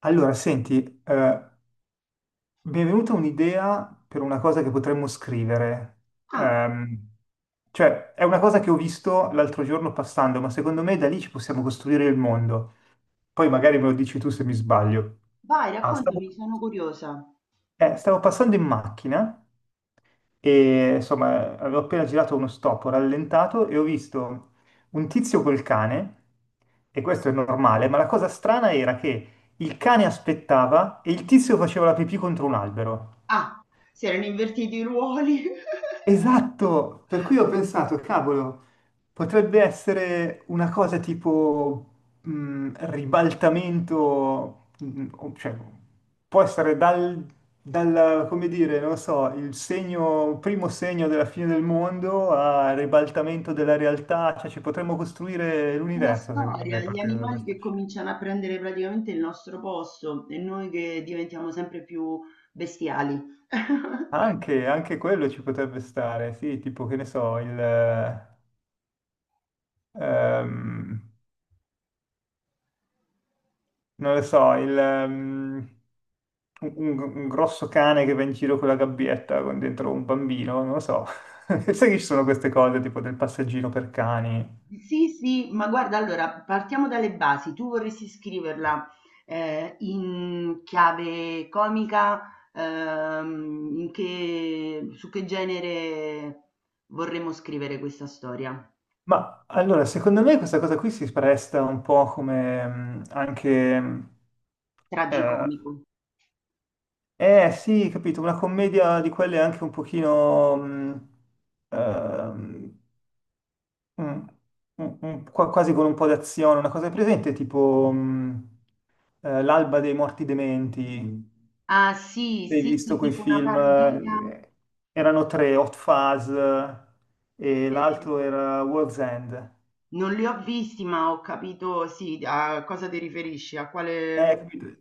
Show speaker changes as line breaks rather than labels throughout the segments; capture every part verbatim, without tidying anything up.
Allora, senti, eh, mi è venuta un'idea per una cosa che potremmo scrivere.
Ah,
Ehm, cioè, è una cosa che ho visto l'altro giorno passando, ma secondo me da lì ci possiamo costruire il mondo. Poi magari me lo dici tu se mi sbaglio.
vai,
Ah, stavo-
raccontami, sono curiosa.
eh, stavo passando in macchina e insomma avevo appena girato uno stop, ho rallentato e ho visto un tizio col cane, e questo è normale, ma la cosa strana era che il cane aspettava e il tizio faceva la pipì contro un albero.
Ah, si erano invertiti i ruoli.
Esatto, per cui ho pensato, cavolo, potrebbe essere una cosa tipo mh, ribaltamento, mh, o- cioè può essere dal, dal, come dire, non lo so, il segno, primo segno della fine del mondo a ribaltamento della realtà, cioè ci potremmo costruire
Una
l'universo, secondo me,
storia,
a
gli
partire da
animali
questa
che
scena.
cominciano a prendere praticamente il nostro posto e noi che diventiamo sempre più bestiali.
Anche, anche quello ci potrebbe stare, sì, tipo che ne so, il... eh, ehm, non lo so, il, ehm, un, un- un grosso cane che va in giro con la gabbietta con dentro un bambino, non lo so. Sai che ci sono queste cose tipo del passeggino per cani.
Sì, sì, ma guarda, allora partiamo dalle basi. Tu vorresti scriverla eh, in chiave comica, ehm, in che- su che genere vorremmo scrivere questa storia?
Ma allora, secondo me questa cosa qui si presta un po' come mm, anche... mm, eh,
Tragicomico.
eh, sì, capito, una commedia di quelle anche un pochino... mm, ehm, Mm, mm, mm, qua- quasi con un po' d'azione, una cosa è presente tipo mm, eh, L'alba dei morti dementi. Mm.
Ah sì,
Hai
sì, sì,
visto quei
tipo una
film?
parodia.
Eh, erano tre, Hot Fuzz, eh, e
Eh,
l'altro era World's End.
non li ho visti, ma ho capito, sì, a cosa ti riferisci, a
Eh,
quale.
capito?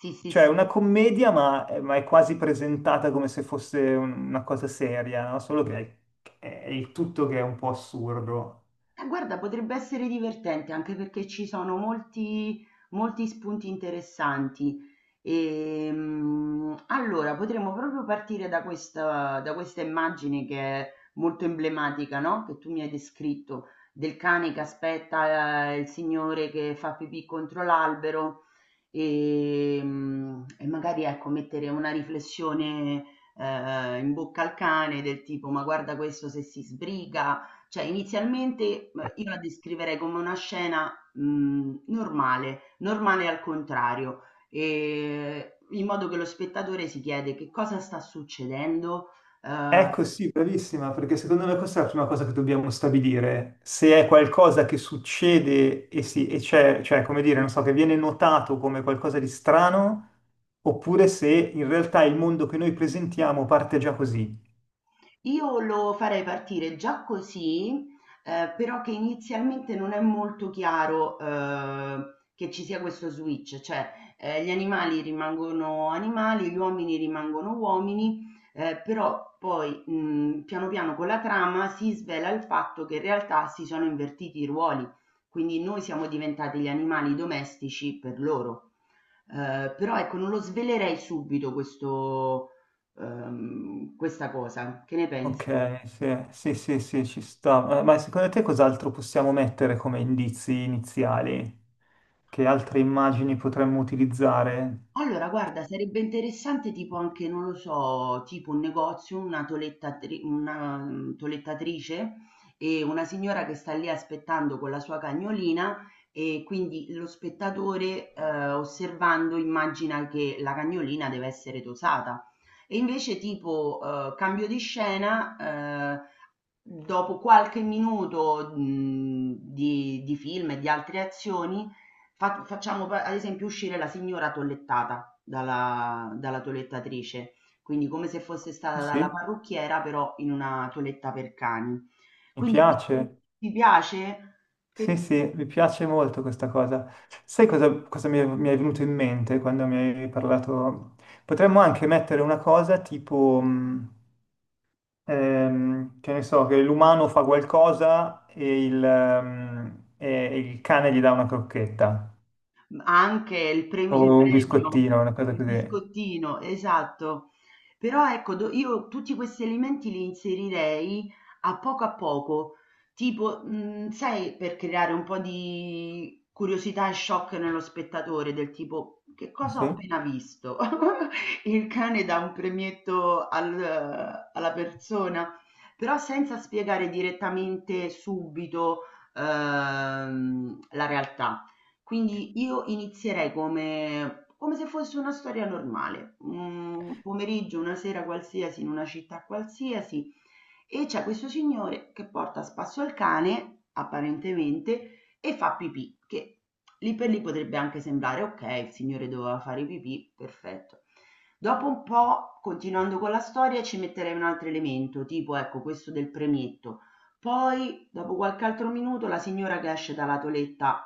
Sì, sì,
Cioè
sì.
una commedia ma, eh, ma è quasi presentata come se fosse un- una cosa seria, no? Solo che è, è il tutto che è un po' assurdo.
Eh, guarda, potrebbe essere divertente anche perché ci sono molti, molti spunti interessanti. Ehm, allora, potremmo proprio partire da questa, da questa immagine che è molto emblematica, no? Che tu mi hai descritto, del cane che aspetta, eh, il signore che fa pipì contro l'albero. Ehm, e magari ecco, mettere una riflessione, ehm, in bocca al cane del tipo: "Ma guarda questo se si sbriga". Cioè inizialmente, uhm, io la descriverei come una scena, mhmm, normale, normale al contrario, ehm, in modo che lo spettatore si chiede: "Che cosa sta succedendo?" Uhm
Ecco, sì, bravissima, perché secondo me questa è la prima cosa che dobbiamo stabilire. Se è qualcosa che succede e, si, e c'è, cioè, come dire, non so, che viene notato come qualcosa di strano, oppure se in realtà il mondo che noi presentiamo parte già così.
Io lo farei partire già così, ehm, però che inizialmente non è molto chiaro, ehm, che ci sia questo switch, cioè, ehm, gli animali rimangono animali, gli uomini rimangono uomini, ehm, però poi, mhmm, piano piano con la trama si svela il fatto che in realtà si sono invertiti i ruoli, quindi noi siamo diventati gli animali domestici per loro. Ehm, però ecco, non lo svelerei subito questo ehm, questa cosa. Che ne pensi?
Ok, sì, sì, sì, sì, ci sta. Eh, Ma secondo te cos'altro possiamo mettere come indizi iniziali? Che altre immagini potremmo utilizzare?
Allora, guarda, sarebbe interessante tipo anche, non lo so, tipo un negozio, una tolettatri- una, mm, tolettatrice e una signora che sta lì aspettando con la sua cagnolina e quindi lo spettatore eh, osservando immagina che la cagnolina deve essere tosata. E invece tipo eh, cambio di scena, eh, dopo qualche minuto, mhmm, di di film e di altre azioni, fa facciamo p ad esempio uscire la signora tollettata dalla dalla toelettatrice, quindi come se fosse
Sì,
stata dalla
sì.
parrucchiera, però in una toeletta per cani.
Mi
Quindi pi
piace.
ti piace? Che
Sì,
di
sì, mi piace molto questa cosa. Sai cosa, cosa mi è, mi è venuto in mente quando mi hai parlato? Potremmo anche mettere una cosa tipo, mh, ehm, che ne so, che l'umano fa qualcosa e il, ehm, e il cane gli dà una crocchetta
Mh, anche il prem
o
il
un
premio,
biscottino, una cosa
il
così.
biscottino, esatto. Però ecco, do io tutti questi alimenti li inserirei a poco a poco, tipo, mhmm, sai, per creare un po' di curiosità e shock nello spettatore, del tipo: "Che
Sì,
cosa ho
sì.
appena visto?" Il cane dà un premietto al alla persona, però senza spiegare direttamente subito, ehm, la realtà. Quindi io inizierei come come se fosse una storia normale, un pomeriggio, una sera qualsiasi, in una città qualsiasi, e c'è questo signore che porta a spasso il cane, apparentemente, e fa pipì, che lì per lì potrebbe anche sembrare, ok, il signore doveva fare pipì, perfetto. Dopo un po', continuando con la storia, ci metterei un altro elemento, tipo, ecco, questo del premetto. Poi, dopo qualche altro minuto, la signora che esce dalla toeletta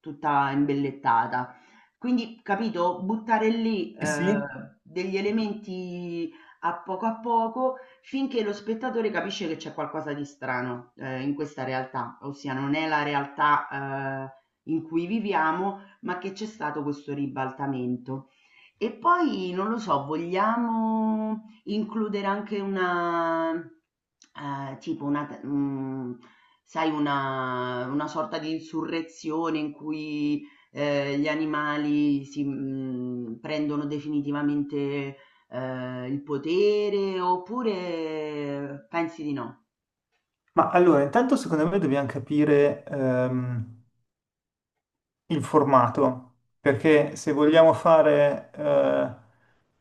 tutta imbellettata. Quindi, capito, buttare lì,
Sì, sì.
ehm, degli elementi a poco a poco finché lo spettatore capisce che c'è qualcosa di strano, eh, in questa realtà, ossia non è la realtà, eh, in cui viviamo, ma che c'è stato questo ribaltamento. E poi, non lo so, vogliamo includere anche una ehm, tipo una t mhmm, sai una una sorta di insurrezione in cui, ehm, gli animali si mhmm, prendono definitivamente, ehm, il potere oppure pensi di no?
Ma allora, intanto secondo me dobbiamo capire ehm, il formato, perché se vogliamo fare eh,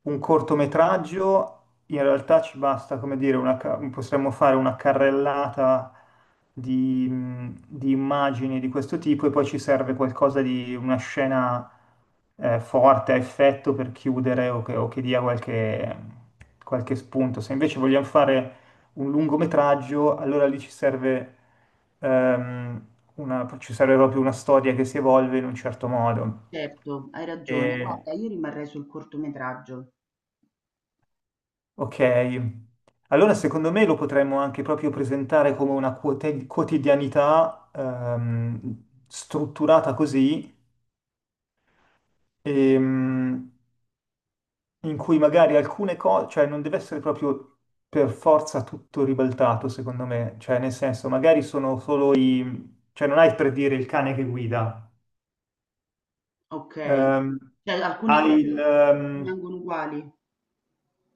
un cortometraggio, in realtà ci basta, come dire, una ca- possiamo fare una carrellata di, mh, di immagini di questo tipo e poi ci serve qualcosa di una scena eh, forte, a effetto per chiudere o che, o che dia qualche, qualche spunto. Se invece vogliamo fare un lungometraggio, allora lì ci serve, ehm, una, ci serve proprio una storia che si evolve in un certo modo.
Certo, hai ragione.
E-
Guarda, io rimarrei sul cortometraggio.
ok, allora secondo me lo potremmo anche proprio presentare come una quote- quotidianità ehm, strutturata così, ehm, in cui magari alcune cose, cioè non deve essere proprio per forza tutto ribaltato, secondo me, cioè nel senso magari sono solo i, cioè non hai per dire il cane che guida.
Okay.
Ehm,
Cioè alcune
hai il...
cose
ehm,
rimangono uguali?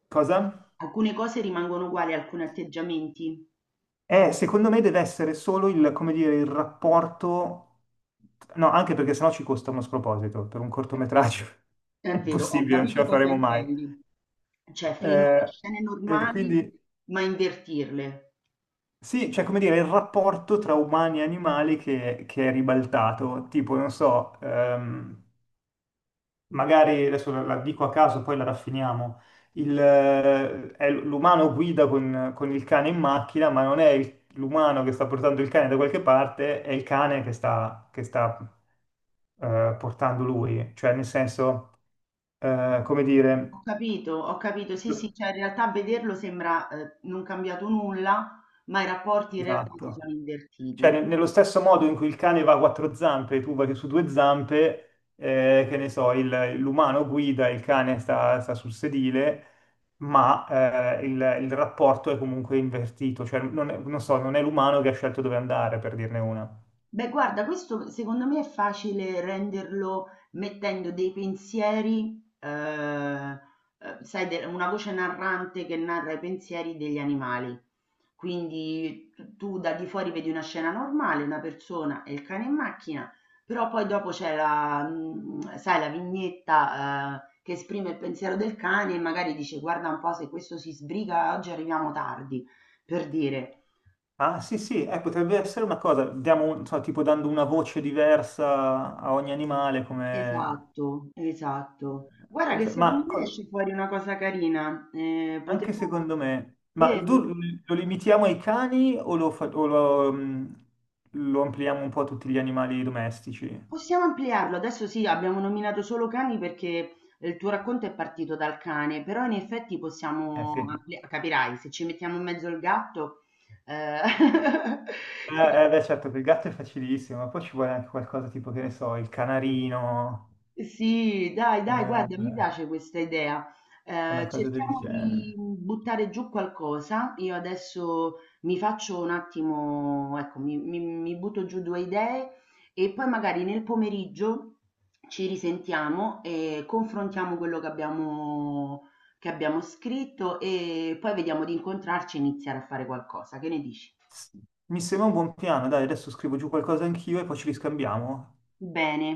cosa?
Alcune cose rimangono uguali, alcuni atteggiamenti?
Eh, secondo me deve essere solo il, come dire, il rapporto. No, anche perché sennò ci costa uno sproposito per un
Eh sì.
cortometraggio. È
È vero, ho
impossibile, non ce
capito
la
cosa
faremo mai.
intendi. Cioè filmare
Eh,
scene
e
normali,
quindi
ma invertirle.
sì, cioè come dire, il rapporto tra umani e animali che, che è ribaltato, tipo, non so, ehm, magari adesso la, la dico a caso, poi la raffiniamo. Il, eh, è l- l'umano guida con, con il cane in macchina, ma non è il- l'umano che sta portando il cane da qualche parte, è il cane che sta, che sta, eh, portando lui. Cioè, nel senso, eh, come dire,
Ho capito, ho capito. Sì, sì,
lo-
cioè in realtà vederlo sembra eh, non cambiato nulla, ma i rapporti in realtà si
esatto.
sono
Cioè,
invertiti.
ne- nello stesso modo in cui il cane va a quattro zampe e tu vai su due zampe, eh, che ne so, il- l'umano guida, il cane sta, sta sul sedile, ma eh, il, il rapporto è comunque invertito. Cioè, non è- non so, non è l'umano che ha scelto dove andare, per dirne una.
Beh, guarda, questo secondo me è facile renderlo mettendo dei pensieri, eh, eh, sai, de- una voce narrante che narra i pensieri degli animali. Quindi tu, tu da di fuori vedi una scena normale, una persona e il cane in macchina, però poi dopo c'è la, mh, sai, la vignetta, eh, che esprime il pensiero del cane e magari dice guarda un po' se questo si sbriga oggi arriviamo tardi, per dire.
Ah, sì, sì, eh, potrebbe essere una cosa, diamo, un- so, tipo dando una voce diversa a ogni animale, come.
Esatto, esatto. Guarda che
potre- Ma
secondo me
co-
esce fuori una cosa carina. eh,
Anche
potremmo...
secondo me. Ma tu
Vero?
lo limitiamo ai cani o lo, fa- o lo, mm, lo ampliamo un po' a tutti gli animali domestici?
Possiamo ampliarlo. Adesso sì, abbiamo nominato solo cani perché il tuo racconto è partito dal cane, però in effetti
Eh sì.
possiamo ampli- capirai, se ci mettiamo in mezzo il gatto, eh,
Eh,
che.
eh, beh, certo, per il gatto è facilissimo, ma poi ci vuole anche qualcosa tipo, che ne so, il canarino,
Sì, dai, dai, guarda, mi
eh,
piace questa idea.
una
Eh,
cosa del
cerchiamo di
genere.
mm, buttare giù qualcosa. Io adesso mi faccio un attimo, ecco, mi, mi- mi butto giù due idee e poi magari nel pomeriggio ci risentiamo e confrontiamo quello che abbiamo, che abbiamo scritto e poi vediamo di incontrarci e iniziare a fare qualcosa. Che ne dici?
S- Mi sembra un buon piano, dai, adesso scrivo giù qualcosa anch'io e poi ci riscambiamo.
Bene.